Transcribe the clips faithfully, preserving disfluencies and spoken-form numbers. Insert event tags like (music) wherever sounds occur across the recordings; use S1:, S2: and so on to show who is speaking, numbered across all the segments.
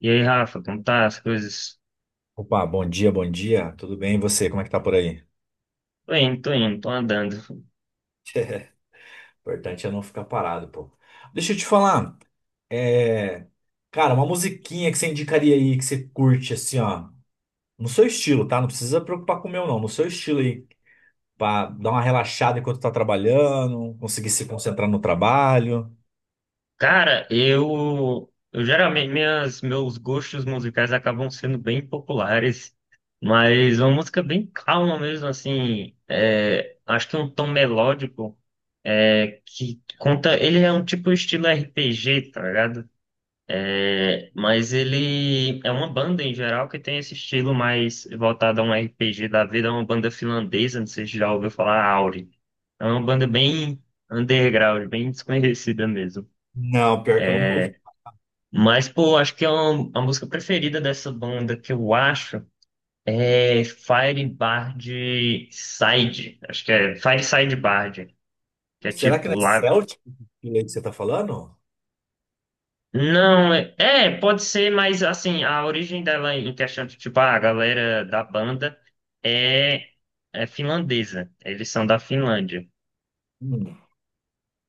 S1: E aí, Rafa, como tá as coisas?
S2: Opa, bom dia, bom dia. Tudo bem? E você? Como é que tá por aí?
S1: Tô indo, tô indo, tô andando.
S2: (laughs) Importante é não ficar parado, pô. Deixa eu te falar. É... Cara, uma musiquinha que você indicaria aí, que você curte, assim, ó. No seu estilo, tá? Não precisa preocupar com o meu, não. No seu estilo aí. Pra dar uma relaxada enquanto tá trabalhando, conseguir se concentrar no trabalho.
S1: Cara, eu, eu geralmente minhas, meus gostos musicais acabam sendo bem populares, mas uma música bem calma mesmo, assim, é, acho que um tom melódico, é, que conta, ele é um tipo estilo R P G, tá ligado? É, mas ele é uma banda em geral que tem esse estilo mais voltado a um R P G da vida, é uma banda finlandesa, não sei se já ouviu falar, Auri. É uma banda bem underground, bem desconhecida mesmo.
S2: Não, pior que eu nunca ouvi.
S1: Mas, pô, acho que é uma, a música preferida dessa banda que eu acho é Fire Bard Side. Acho que é Fire Side Bard, que é
S2: Será que não
S1: tipo
S2: é
S1: lá.
S2: Celtic esse estilo aí que você tá falando?
S1: Não, é, é, pode ser, mas assim, a origem dela em questão de, tipo, ah, a galera da banda é, é finlandesa. Eles são da Finlândia.
S2: Hum.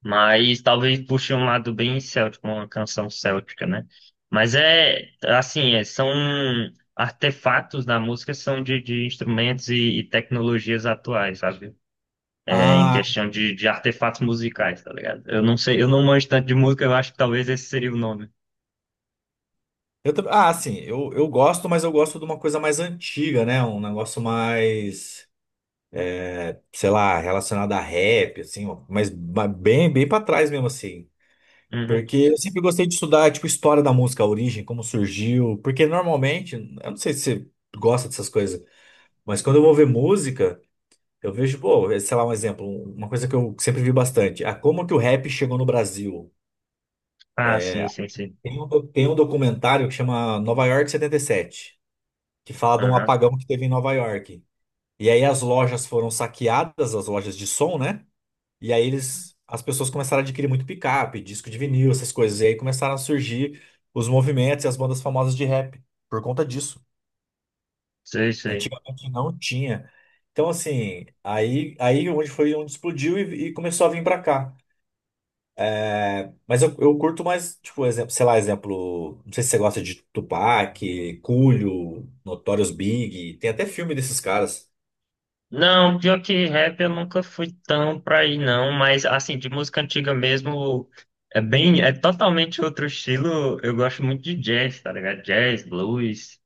S1: Mas talvez puxe um lado bem céltico, uma canção céltica, né? Mas é, assim, é, são artefatos da música, são de, de instrumentos e, e tecnologias atuais, sabe? É, em
S2: Ah,
S1: questão de, de artefatos musicais, tá ligado? Eu não sei, eu não manjo tanto de música, eu acho que talvez esse seria o nome.
S2: eu também. Ah, assim, eu, eu gosto, mas eu gosto de uma coisa mais antiga, né? Um negócio mais, sei lá, relacionado a rap, assim, ó, mas ba- bem, bem para trás mesmo, assim.
S1: Uhum.
S2: Porque eu sempre gostei de estudar, tipo, história da música, a origem, como surgiu. Porque normalmente, eu não sei se você gosta dessas coisas, mas quando eu vou ver música, eu vejo, pô, é, sei lá, um exemplo, uma coisa que eu sempre vi bastante. Ah, como que o rap chegou no Brasil?
S1: Ah, sim, sim, sim.
S2: Tem um, do- tem um documentário que chama Nova York setenta e sete, que fala de um
S1: Aham.
S2: apagão que teve em Nova York. E aí as lojas foram saqueadas, as lojas de som, né? E aí eles, as pessoas começaram a adquirir muito picape, disco de vinil, essas coisas. E aí começaram a surgir os movimentos e as bandas famosas de rap por conta disso.
S1: Sei, sei.
S2: Antigamente não tinha. Então, assim, aí, aí onde foi onde explodiu e, e começou a vir pra cá. É, mas eu, eu curto mais, tipo, exemplo, sei lá, exemplo, não sei se você gosta de Tupac, Coolio, Notorious Big, tem até filme desses caras.
S1: Não, pior que rap eu nunca fui tão pra aí não, mas assim, de música antiga mesmo, é bem, é totalmente outro estilo. Eu gosto muito de jazz, tá ligado? Jazz, blues,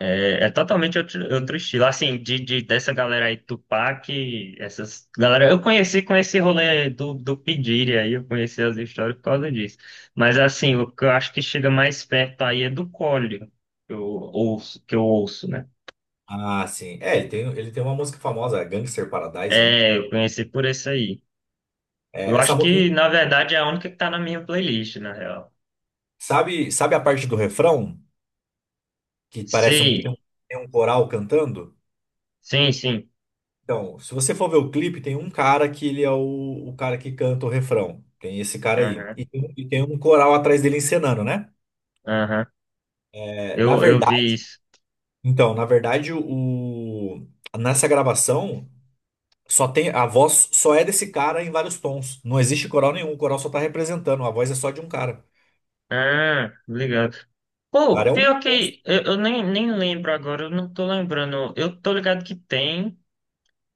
S1: é, é totalmente outro, outro estilo. Assim, de, de- dessa galera aí, Tupac, essas galera, eu conheci com esse rolê do, do P. Diddy aí, eu conheci as histórias por causa disso. Mas assim, o que eu acho que chega mais perto aí é do Collor, que eu ouço, que eu ouço, né?
S2: Ah, sim. É, ele tem, ele tem uma música famosa, é Gangster Paradise, né?
S1: É, eu conheci por esse aí.
S2: É,
S1: Eu
S2: essa,
S1: acho
S2: mu-
S1: que, na verdade, é a única que tá na minha playlist, na real.
S2: sabe, sabe a parte do refrão? Que parece um, tem
S1: Sim,
S2: um, tem um coral cantando?
S1: sim, sim.
S2: Então, se você for ver o clipe, tem um cara que ele é o, o cara que canta o refrão. Tem esse cara aí.
S1: Aham,
S2: E tem um, e tem um coral atrás dele encenando, né?
S1: aham.
S2: É, na
S1: Eu, eu vi
S2: verdade,
S1: isso.
S2: então, na verdade, o, nessa gravação, só tem, a voz só é desse cara em vários tons. Não existe coral nenhum, o coral só tá representando, a voz é só de um cara.
S1: Ah, obrigado.
S2: O cara
S1: Pô,
S2: é um
S1: pior
S2: monstro.
S1: que eu, eu nem, nem lembro agora, eu não tô lembrando. Eu tô ligado que tem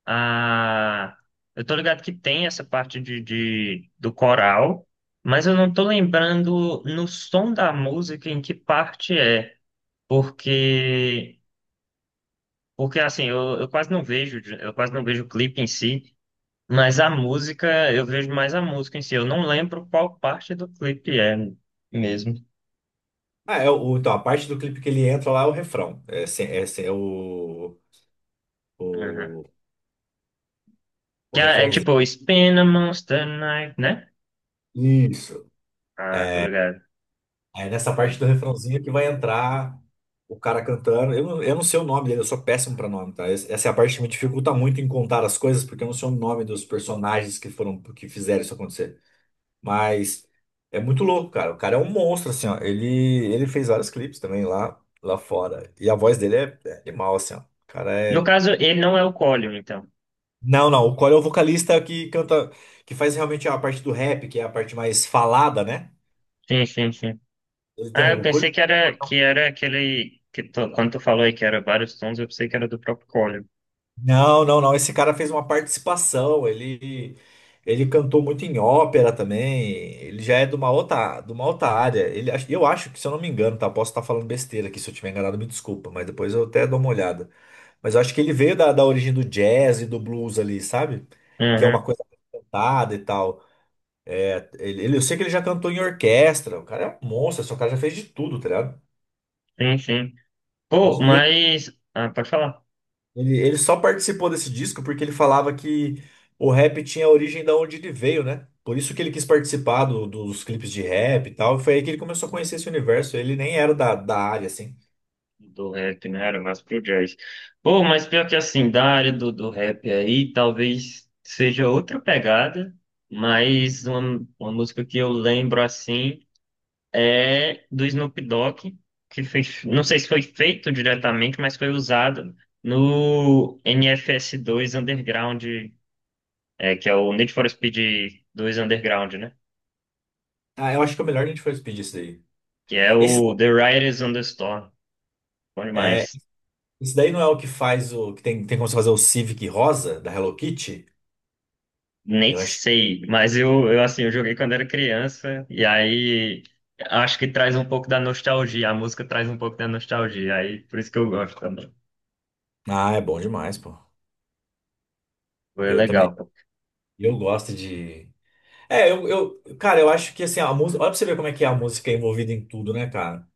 S1: a. Eu tô ligado que tem essa parte de, de, do coral, mas eu não tô lembrando no som da música em que parte é. Porque. Porque assim, eu, eu quase não vejo, eu quase não vejo o clipe em si, mas a música, eu vejo mais a música em si. Eu não lembro qual parte do clipe é mesmo.
S2: Ah, é, o, então, a parte do clipe que ele entra lá é o refrão. É, se- é, se- é o,
S1: Uhum.
S2: o- o
S1: Que é, é
S2: refrãozinho.
S1: tipo Spin a Monster Night, né?
S2: Isso.
S1: Ah, tô ligado.
S2: É nessa parte do refrãozinho que vai entrar o cara cantando. Eu não, eu não sei o nome dele, eu sou péssimo pra nome, tá? Esse- Essa é a parte que me dificulta muito em contar as coisas, porque eu não sei o nome dos personagens que foram, que fizeram isso acontecer. Mas é muito louco, cara. O cara é um monstro, assim, ó. Ele, ele fez vários clipes também lá, lá fora. E a voz dele é, é animal, assim, ó. O cara
S1: No
S2: é.
S1: caso, ele não é o Colin, então.
S2: Não, não. O Corey é o vocalista que canta, que faz realmente a parte do rap, que é a parte mais falada, né?
S1: Sim, sim, sim.
S2: Ele tem
S1: Ah, eu
S2: o.
S1: pensei que era, que era aquele que tu- quando tu falou aí que era vários tons, eu pensei que era do próprio Colin.
S2: Não, não, não. Esse cara fez uma participação. Ele, ele cantou muito em ópera também. Ele já é de uma outra, de uma outra área. Ele, ach- eu acho que, se eu não me engano, tá? Posso estar falando besteira aqui. Se eu tiver enganado, me desculpa. Mas depois eu até dou uma olhada. Mas eu acho que ele veio da, da origem do jazz e do blues ali, sabe? Que é uma
S1: Uhum.
S2: coisa cantada e tal. É, ele, ele- eu sei que ele já cantou em orquestra. O cara é um monstro. Esse cara já fez de tudo, tá ligado?
S1: Sim, sim. Pô,
S2: E
S1: mas. Ah, pode falar.
S2: Ele, ele só participou desse disco porque ele falava que o rap tinha a origem da onde ele veio, né? Por isso que ele quis participar do- dos clipes de rap e tal. Foi aí que ele começou a conhecer esse universo. Ele nem era da, da área, assim.
S1: Do rap, né? Era mais pro jazz. Pô, mas pior que assim, da área do, do rap aí, talvez seja outra pegada, mas uma, uma música que eu lembro assim é do Snoop Dogg, que fez, não sei se foi feito diretamente, mas foi usado no nfs dois Underground, é, que é o Need for Speed dois Underground, né?
S2: Ah, eu acho que é o melhor a gente for pedir isso daí.
S1: Que é
S2: Esse,
S1: o The Riders on the Storm. Bom
S2: é,
S1: demais.
S2: esse daí não é o que faz o. Que tem, tem como você fazer o Civic rosa da Hello Kitty?
S1: Nem
S2: Eu acho.
S1: sei, mas eu, eu assim, eu joguei quando era criança, e aí acho que traz um pouco da nostalgia, a música traz um pouco da nostalgia, aí por isso que eu gosto também.
S2: Ah, é bom demais, pô.
S1: Foi
S2: Eu também.
S1: legal.
S2: Eu gosto de. É, eu, eu, cara, eu acho que assim, a música. Olha pra você ver como é que é a música envolvida em tudo, né, cara?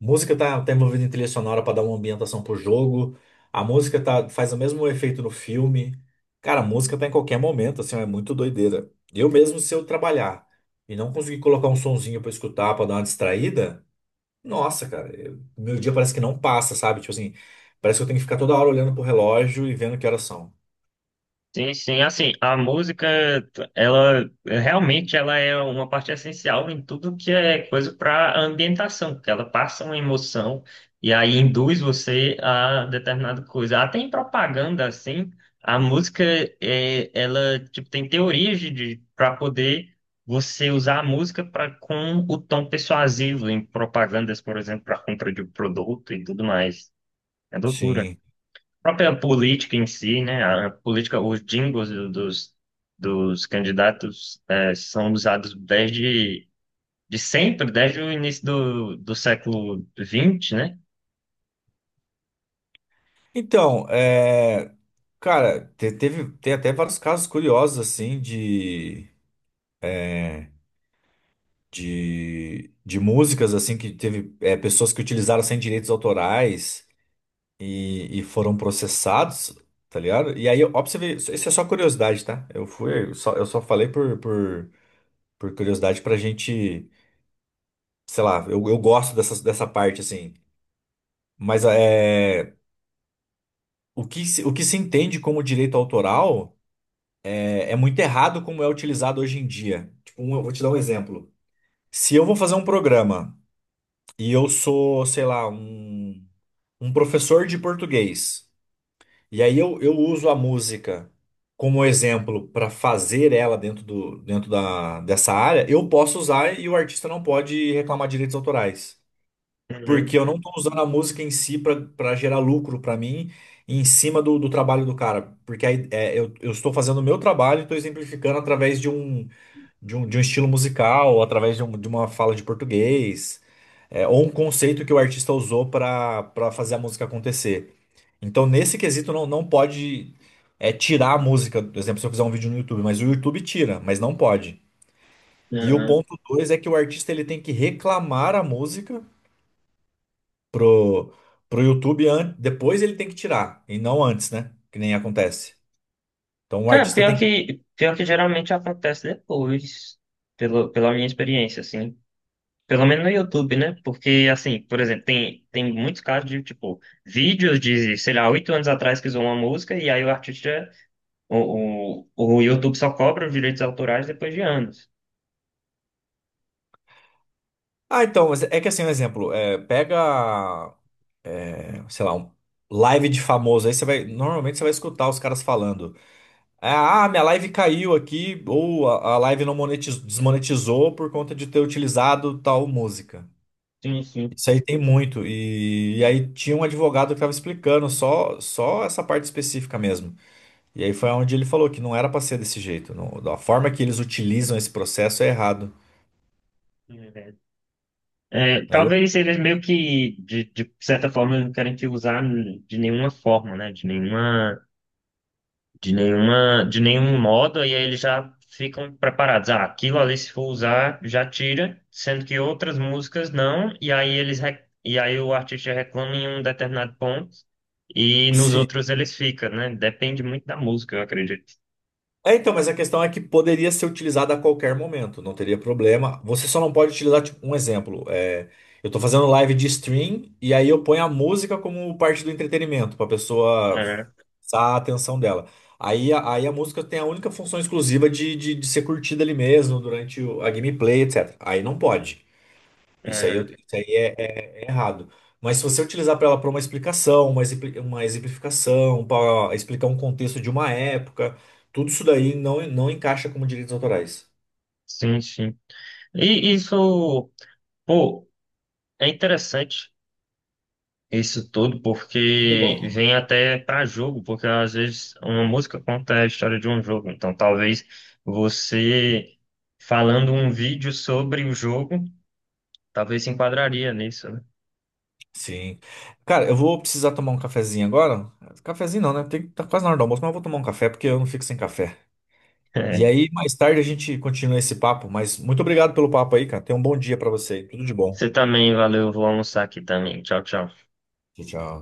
S2: Música tá, tá envolvida em trilha sonora pra dar uma ambientação pro jogo. A música tá, faz o mesmo efeito no filme. Cara, a música tá em qualquer momento, assim, é muito doideira. Eu mesmo, se eu trabalhar e não conseguir colocar um sonzinho pra escutar, pra dar uma distraída, nossa, cara, eu- meu dia parece que não passa, sabe? Tipo assim, parece que eu tenho que ficar toda hora olhando pro relógio e vendo que horas são.
S1: Sim, sim, assim, a música, ela realmente ela é uma parte essencial em tudo que é coisa para ambientação, porque ela passa uma emoção e aí induz você a determinada coisa. Até em propaganda, assim, a música é, ela tipo tem teorias de para poder você usar a música para com o tom persuasivo em propagandas, por exemplo, para compra de um produto e tudo mais. É loucura
S2: Sim.
S1: própria política em si, né? A política, os jingles do- dos, dos candidatos eh, são usados desde de sempre, desde o início do, do século vinte, né?
S2: Então, é. Cara, te- teve, tem até vários casos curiosos, assim, de, de, de músicas, assim, que teve é, pessoas que utilizaram sem direitos autorais e, e foram processados, tá ligado? E aí, ó, pra você ver, isso isso é só curiosidade, tá? Eu fui, eu só, eu só falei por, por, por curiosidade pra gente, sei lá, eu, eu gosto dessa, dessa parte, assim. Mas é, o que, se- o que se entende como direito autoral é, é muito errado como é utilizado hoje em dia. Tipo, um- eu vou te dar um exemplo. Se eu vou fazer um programa e eu sou, sei lá, um, um professor de português, e aí eu, eu uso a música como exemplo para fazer ela dentro do, dentro da, dessa área, eu posso usar e o artista não pode reclamar direitos autorais. Porque eu
S1: Uhum.
S2: não estou usando a música em si para gerar lucro para mim em cima do, do trabalho do cara. Porque aí, é, eu, eu estou fazendo o meu trabalho e estou exemplificando através de um, de um, de um estilo musical, através de, um- de uma fala de português é, ou um conceito que o artista usou para para fazer a música acontecer. Então, nesse quesito, não, não pode é, tirar a música. Por exemplo, se eu fizer um vídeo no YouTube, mas o YouTube tira, mas não pode. E o
S1: Uhum.
S2: ponto dois é que o artista ele tem que reclamar a música pro, pro YouTube, an- depois ele tem que tirar, e não antes, né? Que nem acontece. Então o
S1: Cara,
S2: artista
S1: pior
S2: tem que.
S1: que, pior que geralmente acontece depois, pelo, pela minha experiência, assim. Pelo menos no YouTube, né? Porque, assim, por exemplo, tem, tem muitos casos de, tipo, vídeos de, sei lá, oito anos atrás que usou uma música e aí o artista. O, o, o YouTube só cobra os direitos autorais depois de anos.
S2: Ah, então, mas é que assim, um exemplo, é, pega, é, sei lá, um live de famoso, aí você vai. Normalmente você vai escutar os caras falando. É, ah, minha live caiu aqui, ou a, a live não monetizou, desmonetizou por conta de ter utilizado tal música.
S1: Sim, sim.
S2: Isso aí tem muito. E, e aí tinha um advogado que estava explicando só, só essa parte específica mesmo. E aí foi onde ele falou que não era para ser desse jeito. Não, a forma que eles utilizam esse processo é errado.
S1: É, verdade. É,
S2: Né? É louco.
S1: talvez eles meio que, de, de certa forma, não querem te usar de nenhuma forma, né? De nenhuma, de nenhuma, de nenhum modo, e aí eles já ficam preparados. Ah, aquilo ali, se for usar, já tira, sendo que outras músicas não, e aí eles, re- e aí o artista reclama em um determinado ponto, e nos outros eles ficam, né? Depende muito da música, eu acredito.
S2: É, então, mas a questão é que poderia ser utilizada a qualquer momento, não teria problema. Você só não pode utilizar, tipo, um exemplo, é, eu tô fazendo live de stream e aí eu ponho a música como parte do entretenimento, pra pessoa
S1: É,
S2: fixar a atenção dela. Aí, a- aí a música tem a única função exclusiva de, de, de ser curtida ali mesmo, durante o- a gameplay, etecetera. Aí não pode. Isso aí, eu-
S1: é,
S2: isso aí é, é- é errado. Mas se você utilizar para ela para uma explicação, uma, exempli- uma exemplificação, para explicar um contexto de uma época, tudo isso daí não, não encaixa como direitos autorais.
S1: sim, sim. E isso, pô, é interessante isso tudo,
S2: Muito
S1: porque
S2: bom.
S1: vem até para jogo, porque às vezes uma música conta a história de um jogo. Então, talvez você falando um vídeo sobre o jogo, talvez se enquadraria nisso, né? (laughs)
S2: Sim. Cara, eu vou precisar tomar um cafezinho agora. Cafezinho não, né? Tem, tá quase na hora do almoço, mas eu vou tomar um café porque eu não fico sem café. E
S1: É.
S2: aí, mais tarde a gente continua esse papo, mas muito obrigado pelo papo aí, cara. Tenha um bom dia para você aí. Tudo de bom.
S1: Você também, valeu, vou almoçar aqui também. Tchau, tchau.
S2: Tchau, tchau.